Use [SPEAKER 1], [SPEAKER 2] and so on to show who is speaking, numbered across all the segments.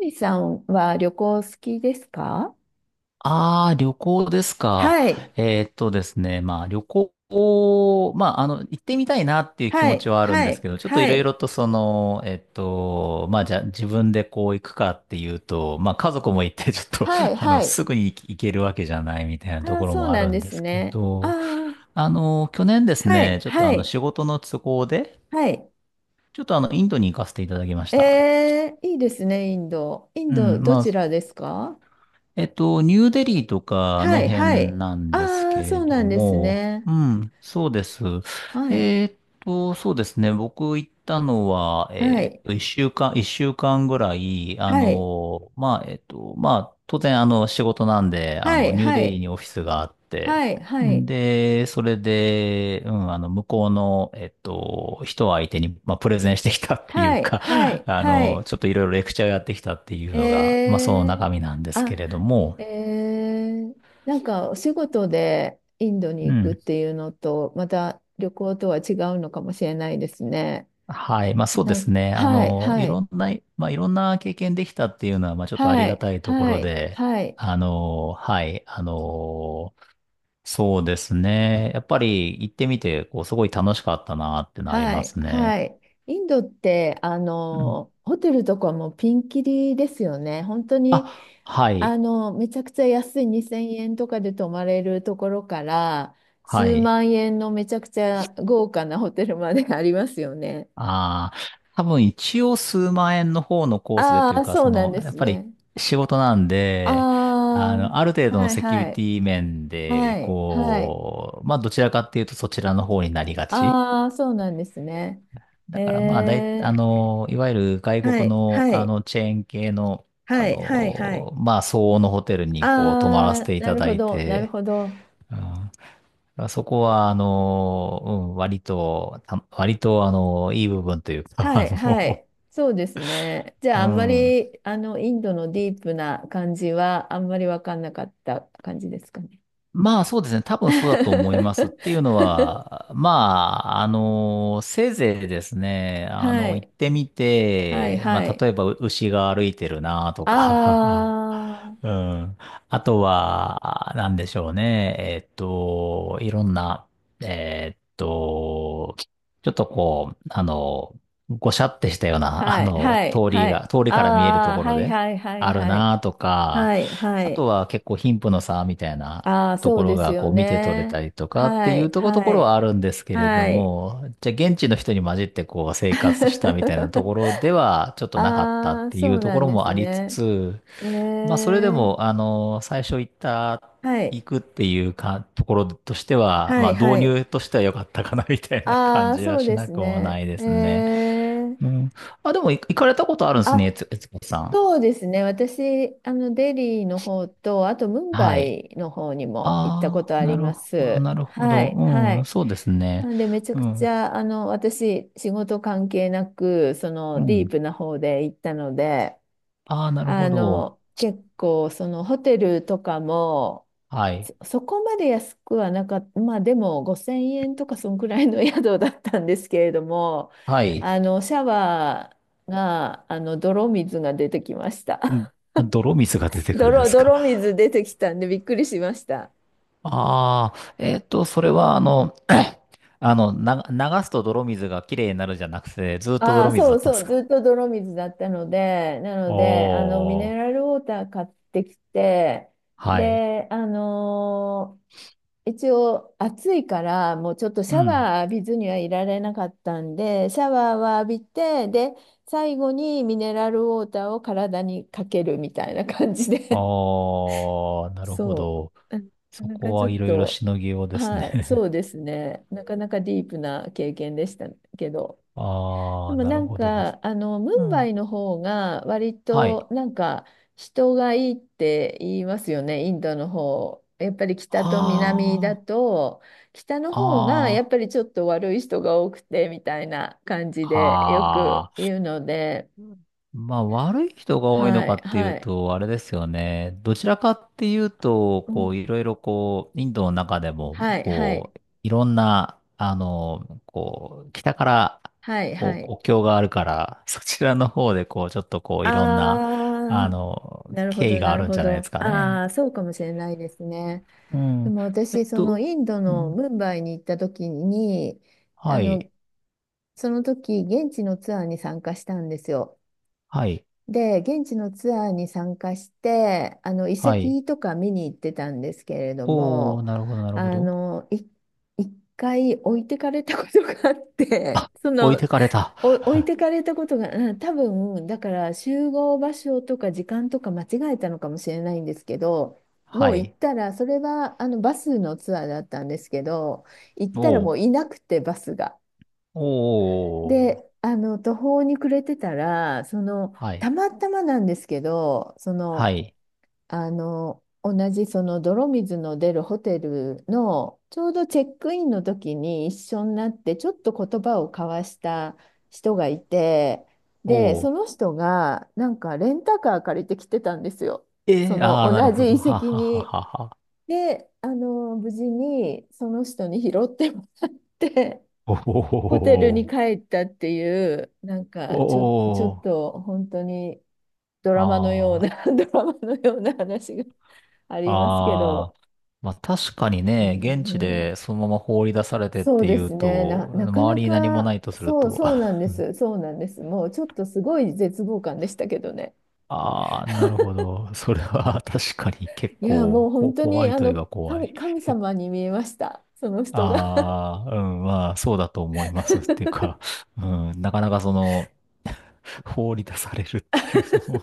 [SPEAKER 1] みさんは旅行好きですか？
[SPEAKER 2] ああ、旅行ですか。
[SPEAKER 1] はい、
[SPEAKER 2] ですね、まあ旅行を、まああの、行ってみたいなっていう気
[SPEAKER 1] は
[SPEAKER 2] 持ち
[SPEAKER 1] い、
[SPEAKER 2] はあるん
[SPEAKER 1] は
[SPEAKER 2] です
[SPEAKER 1] い、
[SPEAKER 2] けど、ちょっとい
[SPEAKER 1] は
[SPEAKER 2] ろい
[SPEAKER 1] い、
[SPEAKER 2] ろとその、まあじゃあ自分でこう行くかっていうと、まあ家族も行ってちょっと、
[SPEAKER 1] は い、
[SPEAKER 2] あの、
[SPEAKER 1] はい。
[SPEAKER 2] すぐに行けるわけじゃないみたいなと
[SPEAKER 1] ああ、
[SPEAKER 2] ころ
[SPEAKER 1] そう
[SPEAKER 2] もあ
[SPEAKER 1] なん
[SPEAKER 2] るん
[SPEAKER 1] で
[SPEAKER 2] で
[SPEAKER 1] す
[SPEAKER 2] すけ
[SPEAKER 1] ね。あ
[SPEAKER 2] ど、
[SPEAKER 1] あ、
[SPEAKER 2] あの、去年です
[SPEAKER 1] は
[SPEAKER 2] ね、
[SPEAKER 1] い、
[SPEAKER 2] ちょっと
[SPEAKER 1] は
[SPEAKER 2] あの
[SPEAKER 1] い、
[SPEAKER 2] 仕事の都合で、
[SPEAKER 1] はい、
[SPEAKER 2] ちょっとあの、インドに行かせていただきました。
[SPEAKER 1] えー、いいですね、インド。イン
[SPEAKER 2] う
[SPEAKER 1] ド、
[SPEAKER 2] ん、
[SPEAKER 1] ど
[SPEAKER 2] まあ、
[SPEAKER 1] ちらですか？
[SPEAKER 2] ニューデリーとかあ
[SPEAKER 1] は
[SPEAKER 2] の
[SPEAKER 1] い、は
[SPEAKER 2] 辺
[SPEAKER 1] い、
[SPEAKER 2] なんです
[SPEAKER 1] あ
[SPEAKER 2] け
[SPEAKER 1] あ、そ
[SPEAKER 2] れ
[SPEAKER 1] うな
[SPEAKER 2] ど
[SPEAKER 1] んです
[SPEAKER 2] も、
[SPEAKER 1] ね。
[SPEAKER 2] うん、そうです。
[SPEAKER 1] はい、
[SPEAKER 2] えっそうですね。僕行ったのは、
[SPEAKER 1] はい、
[SPEAKER 2] 一週間、一週間ぐらい、あ
[SPEAKER 1] はい、
[SPEAKER 2] の、まあ、まあ、当然、あの、仕事なんで、あ
[SPEAKER 1] は
[SPEAKER 2] の、
[SPEAKER 1] い、
[SPEAKER 2] ニュー
[SPEAKER 1] は
[SPEAKER 2] デリー
[SPEAKER 1] い、
[SPEAKER 2] にオフィスがあって、
[SPEAKER 1] はい、はい、
[SPEAKER 2] で、それで、うん、あの、向こうの、人相手に、まあ、プレゼンしてきたってい
[SPEAKER 1] は
[SPEAKER 2] う
[SPEAKER 1] い、
[SPEAKER 2] か、
[SPEAKER 1] はい、
[SPEAKER 2] あ
[SPEAKER 1] は
[SPEAKER 2] の、
[SPEAKER 1] い、
[SPEAKER 2] ちょっといろいろレクチャーをやってきたっていうのが、
[SPEAKER 1] え
[SPEAKER 2] まあその
[SPEAKER 1] ー、
[SPEAKER 2] 中身なんです
[SPEAKER 1] あ、
[SPEAKER 2] けれども、
[SPEAKER 1] えー、なんかお仕事でインドに
[SPEAKER 2] う
[SPEAKER 1] 行くっ
[SPEAKER 2] ん。
[SPEAKER 1] ていうのと、また旅行とは違うのかもしれないですね。
[SPEAKER 2] はい。まあそうですね。あ
[SPEAKER 1] はい、
[SPEAKER 2] の、
[SPEAKER 1] は
[SPEAKER 2] いろ
[SPEAKER 1] い、
[SPEAKER 2] んな、まあいろんな経験できたっていうのは、まあちょっとあり
[SPEAKER 1] は
[SPEAKER 2] が
[SPEAKER 1] い、
[SPEAKER 2] たいとこ
[SPEAKER 1] は
[SPEAKER 2] ろ
[SPEAKER 1] い、
[SPEAKER 2] で、
[SPEAKER 1] はい。
[SPEAKER 2] あの、はい。あの、そうですね。やっぱり行ってみて、こう、すごい楽しかったなってのはあり
[SPEAKER 1] は
[SPEAKER 2] ま
[SPEAKER 1] い、
[SPEAKER 2] す
[SPEAKER 1] は
[SPEAKER 2] ね。
[SPEAKER 1] い。インドって、
[SPEAKER 2] うん。
[SPEAKER 1] ホテルとかもピンキリですよね。本当に、
[SPEAKER 2] あ、はい。
[SPEAKER 1] めちゃくちゃ安い2000円とかで泊まれるところから、
[SPEAKER 2] は
[SPEAKER 1] 数
[SPEAKER 2] い。
[SPEAKER 1] 万円のめちゃくちゃ豪華なホテルまで ありますよね。
[SPEAKER 2] ああ、多分一応数万円の方のコースで
[SPEAKER 1] あ
[SPEAKER 2] という
[SPEAKER 1] あ、
[SPEAKER 2] か、
[SPEAKER 1] そ
[SPEAKER 2] そ
[SPEAKER 1] うなん
[SPEAKER 2] の、
[SPEAKER 1] で
[SPEAKER 2] やっ
[SPEAKER 1] す
[SPEAKER 2] ぱり
[SPEAKER 1] ね。
[SPEAKER 2] 仕事なん
[SPEAKER 1] あ
[SPEAKER 2] で、あの、ある程
[SPEAKER 1] あ、
[SPEAKER 2] 度の
[SPEAKER 1] はい、
[SPEAKER 2] セキュ
[SPEAKER 1] は
[SPEAKER 2] リテ
[SPEAKER 1] い、
[SPEAKER 2] ィ面で、
[SPEAKER 1] はい、はい。
[SPEAKER 2] こう、まあ、どちらかっていうとそちらの方になりがち。
[SPEAKER 1] ああ、そうなんですね。
[SPEAKER 2] だからまあ、
[SPEAKER 1] え
[SPEAKER 2] あ
[SPEAKER 1] ー、
[SPEAKER 2] の、いわゆる外
[SPEAKER 1] は
[SPEAKER 2] 国
[SPEAKER 1] い、
[SPEAKER 2] の、
[SPEAKER 1] は
[SPEAKER 2] あ
[SPEAKER 1] い、
[SPEAKER 2] の、チェーン系の、あ
[SPEAKER 1] はい、はい、はい。
[SPEAKER 2] の、まあ、相応のホテルに、こう、泊まらせ
[SPEAKER 1] ああ、
[SPEAKER 2] てい
[SPEAKER 1] な
[SPEAKER 2] た
[SPEAKER 1] る
[SPEAKER 2] だ
[SPEAKER 1] ほ
[SPEAKER 2] い
[SPEAKER 1] ど、なる
[SPEAKER 2] て、
[SPEAKER 1] ほど。
[SPEAKER 2] うん、まあそこは、あの、うん、割と、あの、いい部分というか、
[SPEAKER 1] は
[SPEAKER 2] あ
[SPEAKER 1] い、は
[SPEAKER 2] の、
[SPEAKER 1] い。そうですね。じゃ
[SPEAKER 2] う
[SPEAKER 1] あ、あんま
[SPEAKER 2] ん。
[SPEAKER 1] り、インドのディープな感じは、あんまり分かんなかった感じですかね。
[SPEAKER 2] まあそうですね。多分そうだと思いますっていうの は、まあ、あの、せいぜいですね、あ
[SPEAKER 1] は
[SPEAKER 2] の、行っ
[SPEAKER 1] い、
[SPEAKER 2] てみ
[SPEAKER 1] はい、
[SPEAKER 2] て、ま
[SPEAKER 1] は
[SPEAKER 2] あ
[SPEAKER 1] い。
[SPEAKER 2] 例えば牛が歩いてるなとか、
[SPEAKER 1] あ
[SPEAKER 2] う
[SPEAKER 1] あ、
[SPEAKER 2] ん。あとは、なんでしょうね。いろんな、えっと、ちょっとこう、あの、ごしゃってしたような、あ
[SPEAKER 1] はい、
[SPEAKER 2] の、
[SPEAKER 1] はい、はい。
[SPEAKER 2] 通りから見える
[SPEAKER 1] あ
[SPEAKER 2] と
[SPEAKER 1] あ、
[SPEAKER 2] こ
[SPEAKER 1] は
[SPEAKER 2] ろ
[SPEAKER 1] い、
[SPEAKER 2] で
[SPEAKER 1] はい、はい、
[SPEAKER 2] ある
[SPEAKER 1] はい。
[SPEAKER 2] なとか、
[SPEAKER 1] はい、は
[SPEAKER 2] あと
[SPEAKER 1] い。
[SPEAKER 2] は結構貧富の差みたいな
[SPEAKER 1] ああ、
[SPEAKER 2] と
[SPEAKER 1] そ
[SPEAKER 2] こ
[SPEAKER 1] う
[SPEAKER 2] ろ
[SPEAKER 1] です
[SPEAKER 2] が
[SPEAKER 1] よ
[SPEAKER 2] こう見て取れ
[SPEAKER 1] ね。
[SPEAKER 2] たりとかって
[SPEAKER 1] は
[SPEAKER 2] いう
[SPEAKER 1] い、
[SPEAKER 2] ところと
[SPEAKER 1] は
[SPEAKER 2] ころ
[SPEAKER 1] い、
[SPEAKER 2] はあるんですけれど
[SPEAKER 1] はい。
[SPEAKER 2] も、じゃあ現地の人に混じってこう生活したみたいなところでは ちょっとなかったっ
[SPEAKER 1] ああ、
[SPEAKER 2] てい
[SPEAKER 1] そ
[SPEAKER 2] う
[SPEAKER 1] う
[SPEAKER 2] と
[SPEAKER 1] な
[SPEAKER 2] こ
[SPEAKER 1] ん
[SPEAKER 2] ろ
[SPEAKER 1] です
[SPEAKER 2] もありつ
[SPEAKER 1] ね。
[SPEAKER 2] つ、
[SPEAKER 1] え
[SPEAKER 2] まあそれでも
[SPEAKER 1] ー、
[SPEAKER 2] あの、最初行った、
[SPEAKER 1] は
[SPEAKER 2] 行
[SPEAKER 1] い、
[SPEAKER 2] くっていうか、ところとしては、
[SPEAKER 1] は
[SPEAKER 2] まあ
[SPEAKER 1] い、
[SPEAKER 2] 導
[SPEAKER 1] はい。
[SPEAKER 2] 入としては良かったかなみたいな感
[SPEAKER 1] ああ、
[SPEAKER 2] じは
[SPEAKER 1] そう
[SPEAKER 2] し
[SPEAKER 1] で
[SPEAKER 2] な
[SPEAKER 1] す
[SPEAKER 2] くもな
[SPEAKER 1] ね。
[SPEAKER 2] いで
[SPEAKER 1] え
[SPEAKER 2] すね。
[SPEAKER 1] ー、
[SPEAKER 2] うん。あ、でも行かれたことあるんですね、
[SPEAKER 1] あ、
[SPEAKER 2] 悦子さん。
[SPEAKER 1] そうですね。私、デリーの方と、あと、ムンバ
[SPEAKER 2] はい。
[SPEAKER 1] イの方にも行ったこ
[SPEAKER 2] ああ、
[SPEAKER 1] とあ
[SPEAKER 2] な
[SPEAKER 1] り
[SPEAKER 2] る
[SPEAKER 1] ま
[SPEAKER 2] ほど、
[SPEAKER 1] す。
[SPEAKER 2] なるほ
[SPEAKER 1] は
[SPEAKER 2] ど。
[SPEAKER 1] い、は
[SPEAKER 2] うん、
[SPEAKER 1] い。
[SPEAKER 2] そうですね。
[SPEAKER 1] なんで、めちゃ
[SPEAKER 2] う
[SPEAKER 1] くち
[SPEAKER 2] ん。
[SPEAKER 1] ゃ、私、仕事関係なく、そ
[SPEAKER 2] う
[SPEAKER 1] の、ディ
[SPEAKER 2] ん。
[SPEAKER 1] ープな方で行ったので、
[SPEAKER 2] ああ、なるほど。
[SPEAKER 1] 結構、そのホテルとかも、
[SPEAKER 2] はい。
[SPEAKER 1] そこまで安くはなかった、まあでも5000円とかそんくらいの 宿だったんですけれども、
[SPEAKER 2] はい。
[SPEAKER 1] シャワーが、泥水が出てきまし
[SPEAKER 2] ん
[SPEAKER 1] た。
[SPEAKER 2] 泥水が出 てくるんですか。
[SPEAKER 1] 泥水出てきたんでびっくりしました。
[SPEAKER 2] ああ、それは、あの、あの、流すと泥水がきれいになるじゃなくて、ずっと
[SPEAKER 1] あ
[SPEAKER 2] 泥
[SPEAKER 1] あ、
[SPEAKER 2] 水
[SPEAKER 1] そ
[SPEAKER 2] だ
[SPEAKER 1] う
[SPEAKER 2] ったんで
[SPEAKER 1] そ
[SPEAKER 2] す
[SPEAKER 1] う、
[SPEAKER 2] か。
[SPEAKER 1] ずっと泥水だったので、なので、ミ
[SPEAKER 2] お
[SPEAKER 1] ネラ
[SPEAKER 2] ー、
[SPEAKER 1] ルウォーター買ってきて、
[SPEAKER 2] はい。
[SPEAKER 1] で、一応暑いからもうちょっとシ
[SPEAKER 2] う
[SPEAKER 1] ャ
[SPEAKER 2] ん。
[SPEAKER 1] ワー浴びずにはいられなかったんで、シャワーは浴びて、で、最後にミネラルウォーターを体にかけるみたいな感じで
[SPEAKER 2] ああ、なるほ
[SPEAKER 1] そ
[SPEAKER 2] ど。
[SPEAKER 1] う、なか
[SPEAKER 2] そ
[SPEAKER 1] な
[SPEAKER 2] こ
[SPEAKER 1] かちょ
[SPEAKER 2] は
[SPEAKER 1] っ
[SPEAKER 2] いろいろ
[SPEAKER 1] と、
[SPEAKER 2] しのぎようです
[SPEAKER 1] はい、そ
[SPEAKER 2] ね。
[SPEAKER 1] うですね、なかなかディープな経験でしたけど、
[SPEAKER 2] あ
[SPEAKER 1] で
[SPEAKER 2] あ、
[SPEAKER 1] も
[SPEAKER 2] なる
[SPEAKER 1] なん
[SPEAKER 2] ほどです。
[SPEAKER 1] か、ム
[SPEAKER 2] う
[SPEAKER 1] ンバ
[SPEAKER 2] ん。
[SPEAKER 1] イの方が割
[SPEAKER 2] はい。
[SPEAKER 1] となんか人がいいって言いますよね、インドの方。やっぱり北と南だ
[SPEAKER 2] あ
[SPEAKER 1] と、北の方がやっ
[SPEAKER 2] あ、あ
[SPEAKER 1] ぱりちょっと悪い人が多くてみたいな感じでよく
[SPEAKER 2] あ、ああ。
[SPEAKER 1] 言うので、
[SPEAKER 2] まあ、悪い人が多いの
[SPEAKER 1] は
[SPEAKER 2] か
[SPEAKER 1] い、
[SPEAKER 2] っていう
[SPEAKER 1] はい、
[SPEAKER 2] と、あれですよね。どちらかっていうと、
[SPEAKER 1] う
[SPEAKER 2] こ
[SPEAKER 1] ん、
[SPEAKER 2] う、いろいろこう、インドの中でも、
[SPEAKER 1] はい、はい、
[SPEAKER 2] こう、いろんな、あの、こう、北から、
[SPEAKER 1] はい、は
[SPEAKER 2] こう、
[SPEAKER 1] い。
[SPEAKER 2] 国境があるから、そちらの方で、こう、ちょっとこう、いろんな、あ
[SPEAKER 1] あー、
[SPEAKER 2] の、
[SPEAKER 1] なるほ
[SPEAKER 2] 経緯
[SPEAKER 1] ど、
[SPEAKER 2] が
[SPEAKER 1] な
[SPEAKER 2] あ
[SPEAKER 1] る
[SPEAKER 2] るん
[SPEAKER 1] ほ
[SPEAKER 2] じゃないです
[SPEAKER 1] ど。
[SPEAKER 2] かね。
[SPEAKER 1] あー、そうかもしれないですね。
[SPEAKER 2] う
[SPEAKER 1] で
[SPEAKER 2] ん。
[SPEAKER 1] も
[SPEAKER 2] えっ
[SPEAKER 1] 私、その
[SPEAKER 2] と、
[SPEAKER 1] インド
[SPEAKER 2] う
[SPEAKER 1] の
[SPEAKER 2] ん、
[SPEAKER 1] ムンバイに行った時に、あ
[SPEAKER 2] は
[SPEAKER 1] の、
[SPEAKER 2] い、
[SPEAKER 1] その時、現地のツアーに参加したんですよ。
[SPEAKER 2] はい、
[SPEAKER 1] で、現地のツアーに参加して、遺
[SPEAKER 2] はい。
[SPEAKER 1] 跡とか見に行ってたんですけれど
[SPEAKER 2] おー、
[SPEAKER 1] も、
[SPEAKER 2] なるほど、なるほ
[SPEAKER 1] あ
[SPEAKER 2] ど。
[SPEAKER 1] の、い、一回置いてかれたことがあって、そ
[SPEAKER 2] 置い
[SPEAKER 1] の、
[SPEAKER 2] てかれた。
[SPEAKER 1] 置いてかれたことが、うん、多分、だから集合場所とか時間とか間違えたのかもしれないんですけど、も
[SPEAKER 2] は
[SPEAKER 1] う行っ
[SPEAKER 2] い。
[SPEAKER 1] たら、それはあのバスのツアーだったんですけど、行ったら
[SPEAKER 2] お
[SPEAKER 1] もうい
[SPEAKER 2] ー。
[SPEAKER 1] なくて、バスが。
[SPEAKER 2] おーお
[SPEAKER 1] で、
[SPEAKER 2] ー
[SPEAKER 1] あの途方に暮れてたら、その、
[SPEAKER 2] は
[SPEAKER 1] た
[SPEAKER 2] い。
[SPEAKER 1] またまなんですけど、その、
[SPEAKER 2] はい。
[SPEAKER 1] 同じその泥水の出るホテルのちょうどチェックインの時に一緒になってちょっと言葉を交わした人がいて、
[SPEAKER 2] お
[SPEAKER 1] で、そ
[SPEAKER 2] お。
[SPEAKER 1] の人がなんかレンタカー借りてきてたんですよ。そ
[SPEAKER 2] えー、
[SPEAKER 1] の
[SPEAKER 2] ああ、なる
[SPEAKER 1] 同じ
[SPEAKER 2] ほ
[SPEAKER 1] 遺
[SPEAKER 2] ど。は
[SPEAKER 1] 跡
[SPEAKER 2] はは
[SPEAKER 1] に。
[SPEAKER 2] はは。
[SPEAKER 1] で、無事にその人に拾ってもらって、
[SPEAKER 2] お
[SPEAKER 1] ホテルに
[SPEAKER 2] お。
[SPEAKER 1] 帰ったっていう、
[SPEAKER 2] お
[SPEAKER 1] ちょっ
[SPEAKER 2] お。
[SPEAKER 1] と本当にドラマのよう
[SPEAKER 2] ああ。
[SPEAKER 1] な、ドラマのような話が。ありますけ
[SPEAKER 2] ああ。
[SPEAKER 1] ど、
[SPEAKER 2] まあ確かに
[SPEAKER 1] う
[SPEAKER 2] ね、現地
[SPEAKER 1] ん、
[SPEAKER 2] でそのまま放り出されてっ
[SPEAKER 1] そう
[SPEAKER 2] てい
[SPEAKER 1] で
[SPEAKER 2] う
[SPEAKER 1] すね、
[SPEAKER 2] と、
[SPEAKER 1] なか
[SPEAKER 2] 周
[SPEAKER 1] な
[SPEAKER 2] りに何もな
[SPEAKER 1] か、
[SPEAKER 2] いとすると、
[SPEAKER 1] そうな んです、そうなんです。もうちょっとすごい絶望感でしたけどね。
[SPEAKER 2] ああ、なる ほど。それは 確かに結
[SPEAKER 1] いや、も
[SPEAKER 2] 構
[SPEAKER 1] う
[SPEAKER 2] こ
[SPEAKER 1] 本当
[SPEAKER 2] 怖
[SPEAKER 1] に、
[SPEAKER 2] いといえば怖い。
[SPEAKER 1] 神様に見えました、その人が。
[SPEAKER 2] ああ、うん、まあそうだと思いますっていう か、うん、なかなかその、放り出されるっていうのを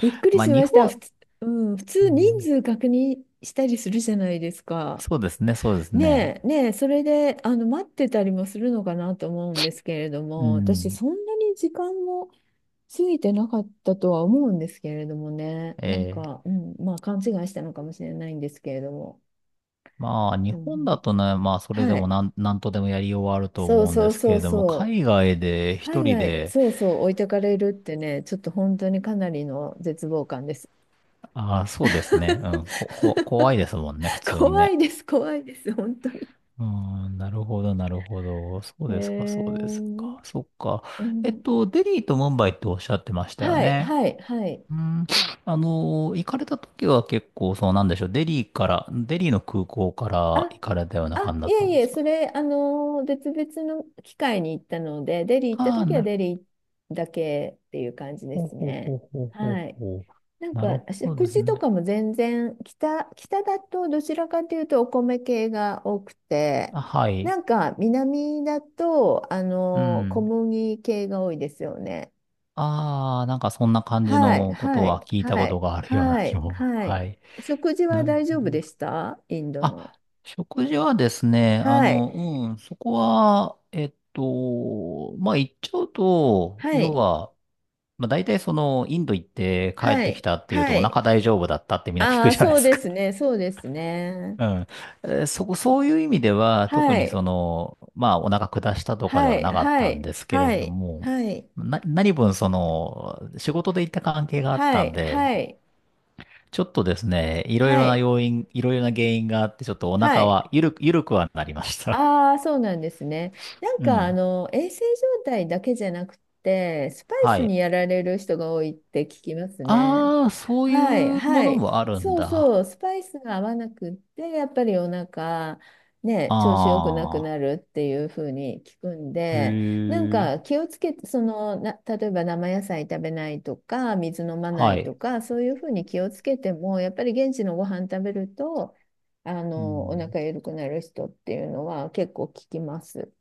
[SPEAKER 1] びっくり
[SPEAKER 2] まあ、
[SPEAKER 1] し
[SPEAKER 2] 日
[SPEAKER 1] ました。普
[SPEAKER 2] 本、
[SPEAKER 1] 通、うん、普
[SPEAKER 2] う
[SPEAKER 1] 通人
[SPEAKER 2] ん、
[SPEAKER 1] 数確認したりするじゃないですか。
[SPEAKER 2] そうですね、そうですね。
[SPEAKER 1] ねえ、ねえ、それで、待ってたりもするのかなと思うんですけれど
[SPEAKER 2] う
[SPEAKER 1] も、私、
[SPEAKER 2] ん。
[SPEAKER 1] そんなに時間も過ぎてなかったとは思うんですけれどもね、なん
[SPEAKER 2] えー
[SPEAKER 1] か、うん、まあ勘違いしたのかもしれないんですけれども、
[SPEAKER 2] まあ、日
[SPEAKER 1] で
[SPEAKER 2] 本
[SPEAKER 1] も
[SPEAKER 2] だ
[SPEAKER 1] び
[SPEAKER 2] とね、まあ、それで
[SPEAKER 1] は
[SPEAKER 2] も
[SPEAKER 1] い、
[SPEAKER 2] なんとでもやりようはあると
[SPEAKER 1] そう
[SPEAKER 2] 思うん
[SPEAKER 1] そ
[SPEAKER 2] で
[SPEAKER 1] う
[SPEAKER 2] すけ
[SPEAKER 1] そう
[SPEAKER 2] れども、
[SPEAKER 1] そう、
[SPEAKER 2] 海外で一
[SPEAKER 1] 海
[SPEAKER 2] 人
[SPEAKER 1] 外、
[SPEAKER 2] で、
[SPEAKER 1] そうそう、置いてかれるってね、ちょっと本当にかなりの絶望感です。
[SPEAKER 2] ああ、そうですね。うん。怖いですもんね、普 通に
[SPEAKER 1] 怖
[SPEAKER 2] ね。
[SPEAKER 1] いです、怖いです、本当に。
[SPEAKER 2] うん、なるほど、なるほど。そう
[SPEAKER 1] え
[SPEAKER 2] ですか、そうです
[SPEAKER 1] ー、
[SPEAKER 2] か。そっか。
[SPEAKER 1] うん、
[SPEAKER 2] デリーとムンバイっておっしゃってましたよ
[SPEAKER 1] はい、
[SPEAKER 2] ね。
[SPEAKER 1] はい、はい。
[SPEAKER 2] うん、あの、行かれた時は結構、そうなんでしょう。デリーから、デリーの空港から
[SPEAKER 1] あ、
[SPEAKER 2] 行かれたような感
[SPEAKER 1] あ、
[SPEAKER 2] じだ
[SPEAKER 1] い
[SPEAKER 2] った
[SPEAKER 1] え
[SPEAKER 2] ん
[SPEAKER 1] い
[SPEAKER 2] で
[SPEAKER 1] え、
[SPEAKER 2] すか。
[SPEAKER 1] それ、別々の機会に行ったので、デリー行った
[SPEAKER 2] ああ
[SPEAKER 1] 時は
[SPEAKER 2] なる
[SPEAKER 1] デリーだけっていう感じで
[SPEAKER 2] ほど。
[SPEAKER 1] す
[SPEAKER 2] ほうほ
[SPEAKER 1] ね。
[SPEAKER 2] うほうほうほ
[SPEAKER 1] は
[SPEAKER 2] う
[SPEAKER 1] い。
[SPEAKER 2] ほ
[SPEAKER 1] なん
[SPEAKER 2] う。なる
[SPEAKER 1] か、
[SPEAKER 2] ほど
[SPEAKER 1] 食
[SPEAKER 2] です
[SPEAKER 1] 事と
[SPEAKER 2] ね。
[SPEAKER 1] かも全然、北だとどちらかというとお米系が多くて、
[SPEAKER 2] あ、は
[SPEAKER 1] な
[SPEAKER 2] い。
[SPEAKER 1] んか南だと、
[SPEAKER 2] う
[SPEAKER 1] 小
[SPEAKER 2] ん。
[SPEAKER 1] 麦系が多いですよね。
[SPEAKER 2] ああ、なんかそんな感じ
[SPEAKER 1] はい、
[SPEAKER 2] のこと
[SPEAKER 1] は
[SPEAKER 2] は
[SPEAKER 1] い、
[SPEAKER 2] 聞いた
[SPEAKER 1] は
[SPEAKER 2] こと
[SPEAKER 1] い、
[SPEAKER 2] があるような
[SPEAKER 1] は
[SPEAKER 2] 気
[SPEAKER 1] い、
[SPEAKER 2] も。
[SPEAKER 1] は
[SPEAKER 2] は
[SPEAKER 1] い。
[SPEAKER 2] い。
[SPEAKER 1] 食事
[SPEAKER 2] な
[SPEAKER 1] は
[SPEAKER 2] るほ
[SPEAKER 1] 大丈夫
[SPEAKER 2] ど。
[SPEAKER 1] でしたインドの？
[SPEAKER 2] あ、食事はですね、あ
[SPEAKER 1] はい、
[SPEAKER 2] の、うん、そこは、まあ、言っちゃうと、
[SPEAKER 1] は
[SPEAKER 2] 要
[SPEAKER 1] い。
[SPEAKER 2] は、まあ、大体その、インド行って帰っ
[SPEAKER 1] は
[SPEAKER 2] てき
[SPEAKER 1] い。
[SPEAKER 2] たっていうと
[SPEAKER 1] は
[SPEAKER 2] お腹
[SPEAKER 1] い。
[SPEAKER 2] 大丈夫だったってみんな聞
[SPEAKER 1] あ
[SPEAKER 2] く
[SPEAKER 1] あ、
[SPEAKER 2] じゃない
[SPEAKER 1] そ
[SPEAKER 2] で
[SPEAKER 1] う
[SPEAKER 2] す
[SPEAKER 1] で
[SPEAKER 2] か。
[SPEAKER 1] すね。そうですね。
[SPEAKER 2] うん。そこ、そういう意味では、特
[SPEAKER 1] は
[SPEAKER 2] にそ
[SPEAKER 1] い。
[SPEAKER 2] の、まあ、お腹下したとかで
[SPEAKER 1] は
[SPEAKER 2] は
[SPEAKER 1] い。
[SPEAKER 2] なかっ
[SPEAKER 1] は
[SPEAKER 2] たん
[SPEAKER 1] い。
[SPEAKER 2] ですけれ
[SPEAKER 1] は
[SPEAKER 2] ど
[SPEAKER 1] い。
[SPEAKER 2] も、
[SPEAKER 1] はい。
[SPEAKER 2] 何分その、仕事で行った関係があっ
[SPEAKER 1] は
[SPEAKER 2] たん
[SPEAKER 1] い。は
[SPEAKER 2] で、
[SPEAKER 1] い。
[SPEAKER 2] ちょっとですね、いろい
[SPEAKER 1] は
[SPEAKER 2] ろな
[SPEAKER 1] い。
[SPEAKER 2] 要因、いろいろな原因があって、ちょっとお
[SPEAKER 1] は
[SPEAKER 2] 腹
[SPEAKER 1] い。
[SPEAKER 2] は、ゆるく、ゆるくはなりました。
[SPEAKER 1] ああ、そうなんですね。な ん
[SPEAKER 2] う
[SPEAKER 1] か、
[SPEAKER 2] ん。
[SPEAKER 1] 衛生状態だけじゃなくて、スパイ
[SPEAKER 2] は
[SPEAKER 1] ス
[SPEAKER 2] い。
[SPEAKER 1] にやられる人が多いって聞きますね。
[SPEAKER 2] ああ、そう
[SPEAKER 1] はい、
[SPEAKER 2] いうも
[SPEAKER 1] は
[SPEAKER 2] の
[SPEAKER 1] い。
[SPEAKER 2] もあるん
[SPEAKER 1] そう
[SPEAKER 2] だ。
[SPEAKER 1] そう、スパイスが合わなくって、やっぱりお腹、ね、調子良くなく
[SPEAKER 2] あ
[SPEAKER 1] な
[SPEAKER 2] あ、
[SPEAKER 1] るっていうふうに聞くん
[SPEAKER 2] へ
[SPEAKER 1] で、なん
[SPEAKER 2] え。
[SPEAKER 1] か気をつけて、例えば生野菜食べないとか、水飲まな
[SPEAKER 2] は
[SPEAKER 1] いと
[SPEAKER 2] い。
[SPEAKER 1] か、そういうふうに気をつけても、やっぱり現地のご飯食べると、
[SPEAKER 2] う
[SPEAKER 1] お
[SPEAKER 2] ん。
[SPEAKER 1] 腹緩くなる人っていうのは結構聞きます。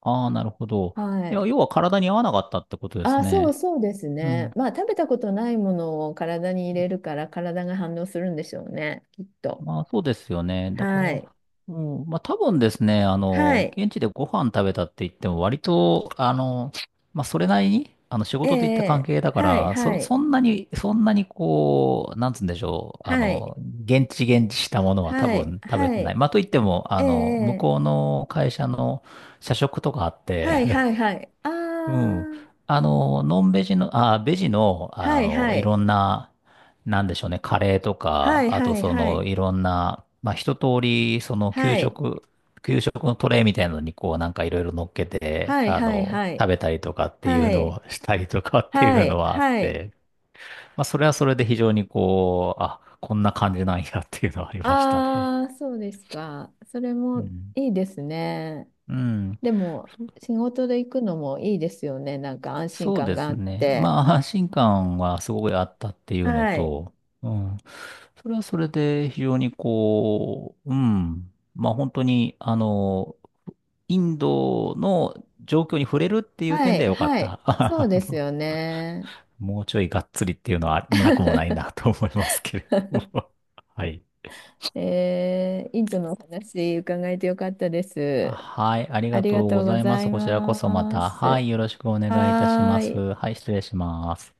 [SPEAKER 2] ああ、なるほど。
[SPEAKER 1] は
[SPEAKER 2] いや、
[SPEAKER 1] い。
[SPEAKER 2] 要は体に合わなかったってことです
[SPEAKER 1] あ、
[SPEAKER 2] ね。
[SPEAKER 1] そうです
[SPEAKER 2] うん。
[SPEAKER 1] ね。まあ、食べたことないものを体に入れるから体が反応するんでしょうね、きっと。
[SPEAKER 2] まあ、そうですよね。だから、
[SPEAKER 1] はい。
[SPEAKER 2] うん、まあ、多分ですね、あ
[SPEAKER 1] は
[SPEAKER 2] の、
[SPEAKER 1] い。
[SPEAKER 2] 現地でご飯食べたって言っても、割と、あの、まあ、それなりに、あの、仕
[SPEAKER 1] え
[SPEAKER 2] 事で行った関
[SPEAKER 1] え、
[SPEAKER 2] 係だか
[SPEAKER 1] はい、
[SPEAKER 2] ら、
[SPEAKER 1] は
[SPEAKER 2] そ
[SPEAKER 1] い、
[SPEAKER 2] んなに、そんなにこう、なんつうんでしょう、あ
[SPEAKER 1] はい、
[SPEAKER 2] の、現地現地したものは多
[SPEAKER 1] はい、
[SPEAKER 2] 分食べ
[SPEAKER 1] は
[SPEAKER 2] てない。
[SPEAKER 1] い、
[SPEAKER 2] まあ、といっても、
[SPEAKER 1] え
[SPEAKER 2] あの、向
[SPEAKER 1] え、
[SPEAKER 2] こうの会社の社食とかあっ
[SPEAKER 1] はい、は
[SPEAKER 2] て、
[SPEAKER 1] い、はい。あ
[SPEAKER 2] うん。
[SPEAKER 1] あ、
[SPEAKER 2] あの、ノンベジの、あ、ベジの、あ
[SPEAKER 1] はい、
[SPEAKER 2] の、
[SPEAKER 1] は
[SPEAKER 2] いろ
[SPEAKER 1] い、
[SPEAKER 2] んな、なんでしょうね、カレーと
[SPEAKER 1] は
[SPEAKER 2] か、
[SPEAKER 1] い、
[SPEAKER 2] あ
[SPEAKER 1] は
[SPEAKER 2] と
[SPEAKER 1] い、
[SPEAKER 2] その、
[SPEAKER 1] は
[SPEAKER 2] いろんな、まあ、一通り、その、給
[SPEAKER 1] い、
[SPEAKER 2] 食、給食のトレイみたいなのに、こう、なんかいろいろ乗っけて、
[SPEAKER 1] はい、
[SPEAKER 2] あ
[SPEAKER 1] はい、
[SPEAKER 2] の、
[SPEAKER 1] はい、
[SPEAKER 2] 食べたりとかっていう
[SPEAKER 1] は
[SPEAKER 2] の
[SPEAKER 1] い、
[SPEAKER 2] をしたりとかって
[SPEAKER 1] は
[SPEAKER 2] いうの
[SPEAKER 1] い、はい、
[SPEAKER 2] はあっ
[SPEAKER 1] はい、
[SPEAKER 2] て、まあ、それはそれで非常にこう、あ、こんな感じなんやっていうのはありましたね。
[SPEAKER 1] ああ、そうですか。それ
[SPEAKER 2] う
[SPEAKER 1] も
[SPEAKER 2] ん。
[SPEAKER 1] いいですね。
[SPEAKER 2] うん。
[SPEAKER 1] でも、仕事で行くのもいいですよね。なんか安心
[SPEAKER 2] そう
[SPEAKER 1] 感
[SPEAKER 2] で
[SPEAKER 1] が
[SPEAKER 2] す
[SPEAKER 1] あっ
[SPEAKER 2] ね。
[SPEAKER 1] て。
[SPEAKER 2] まあ、安心感はすごいあったっていうの
[SPEAKER 1] はい。
[SPEAKER 2] と、うん。それはそれで非常にこう、うん。まあ、本当に、あの、インドの状況に触れるっていう
[SPEAKER 1] は
[SPEAKER 2] 点で
[SPEAKER 1] い、
[SPEAKER 2] はよかっ
[SPEAKER 1] はい。
[SPEAKER 2] た。
[SPEAKER 1] そう
[SPEAKER 2] あ
[SPEAKER 1] です
[SPEAKER 2] の
[SPEAKER 1] よね。
[SPEAKER 2] もうちょいがっつりっていうのはなくもない なと思いますけれども。はい。
[SPEAKER 1] えー、インドのお話伺えてよかったで
[SPEAKER 2] あ
[SPEAKER 1] す。
[SPEAKER 2] はい、あり
[SPEAKER 1] あ
[SPEAKER 2] が
[SPEAKER 1] りが
[SPEAKER 2] とう
[SPEAKER 1] と
[SPEAKER 2] ご
[SPEAKER 1] うご
[SPEAKER 2] ざいま
[SPEAKER 1] ざ
[SPEAKER 2] す。
[SPEAKER 1] い
[SPEAKER 2] こちらこそま
[SPEAKER 1] ま
[SPEAKER 2] た、は
[SPEAKER 1] す。
[SPEAKER 2] い、よろしくお願いいたし
[SPEAKER 1] は
[SPEAKER 2] ま
[SPEAKER 1] ーい。
[SPEAKER 2] す。はい、失礼します。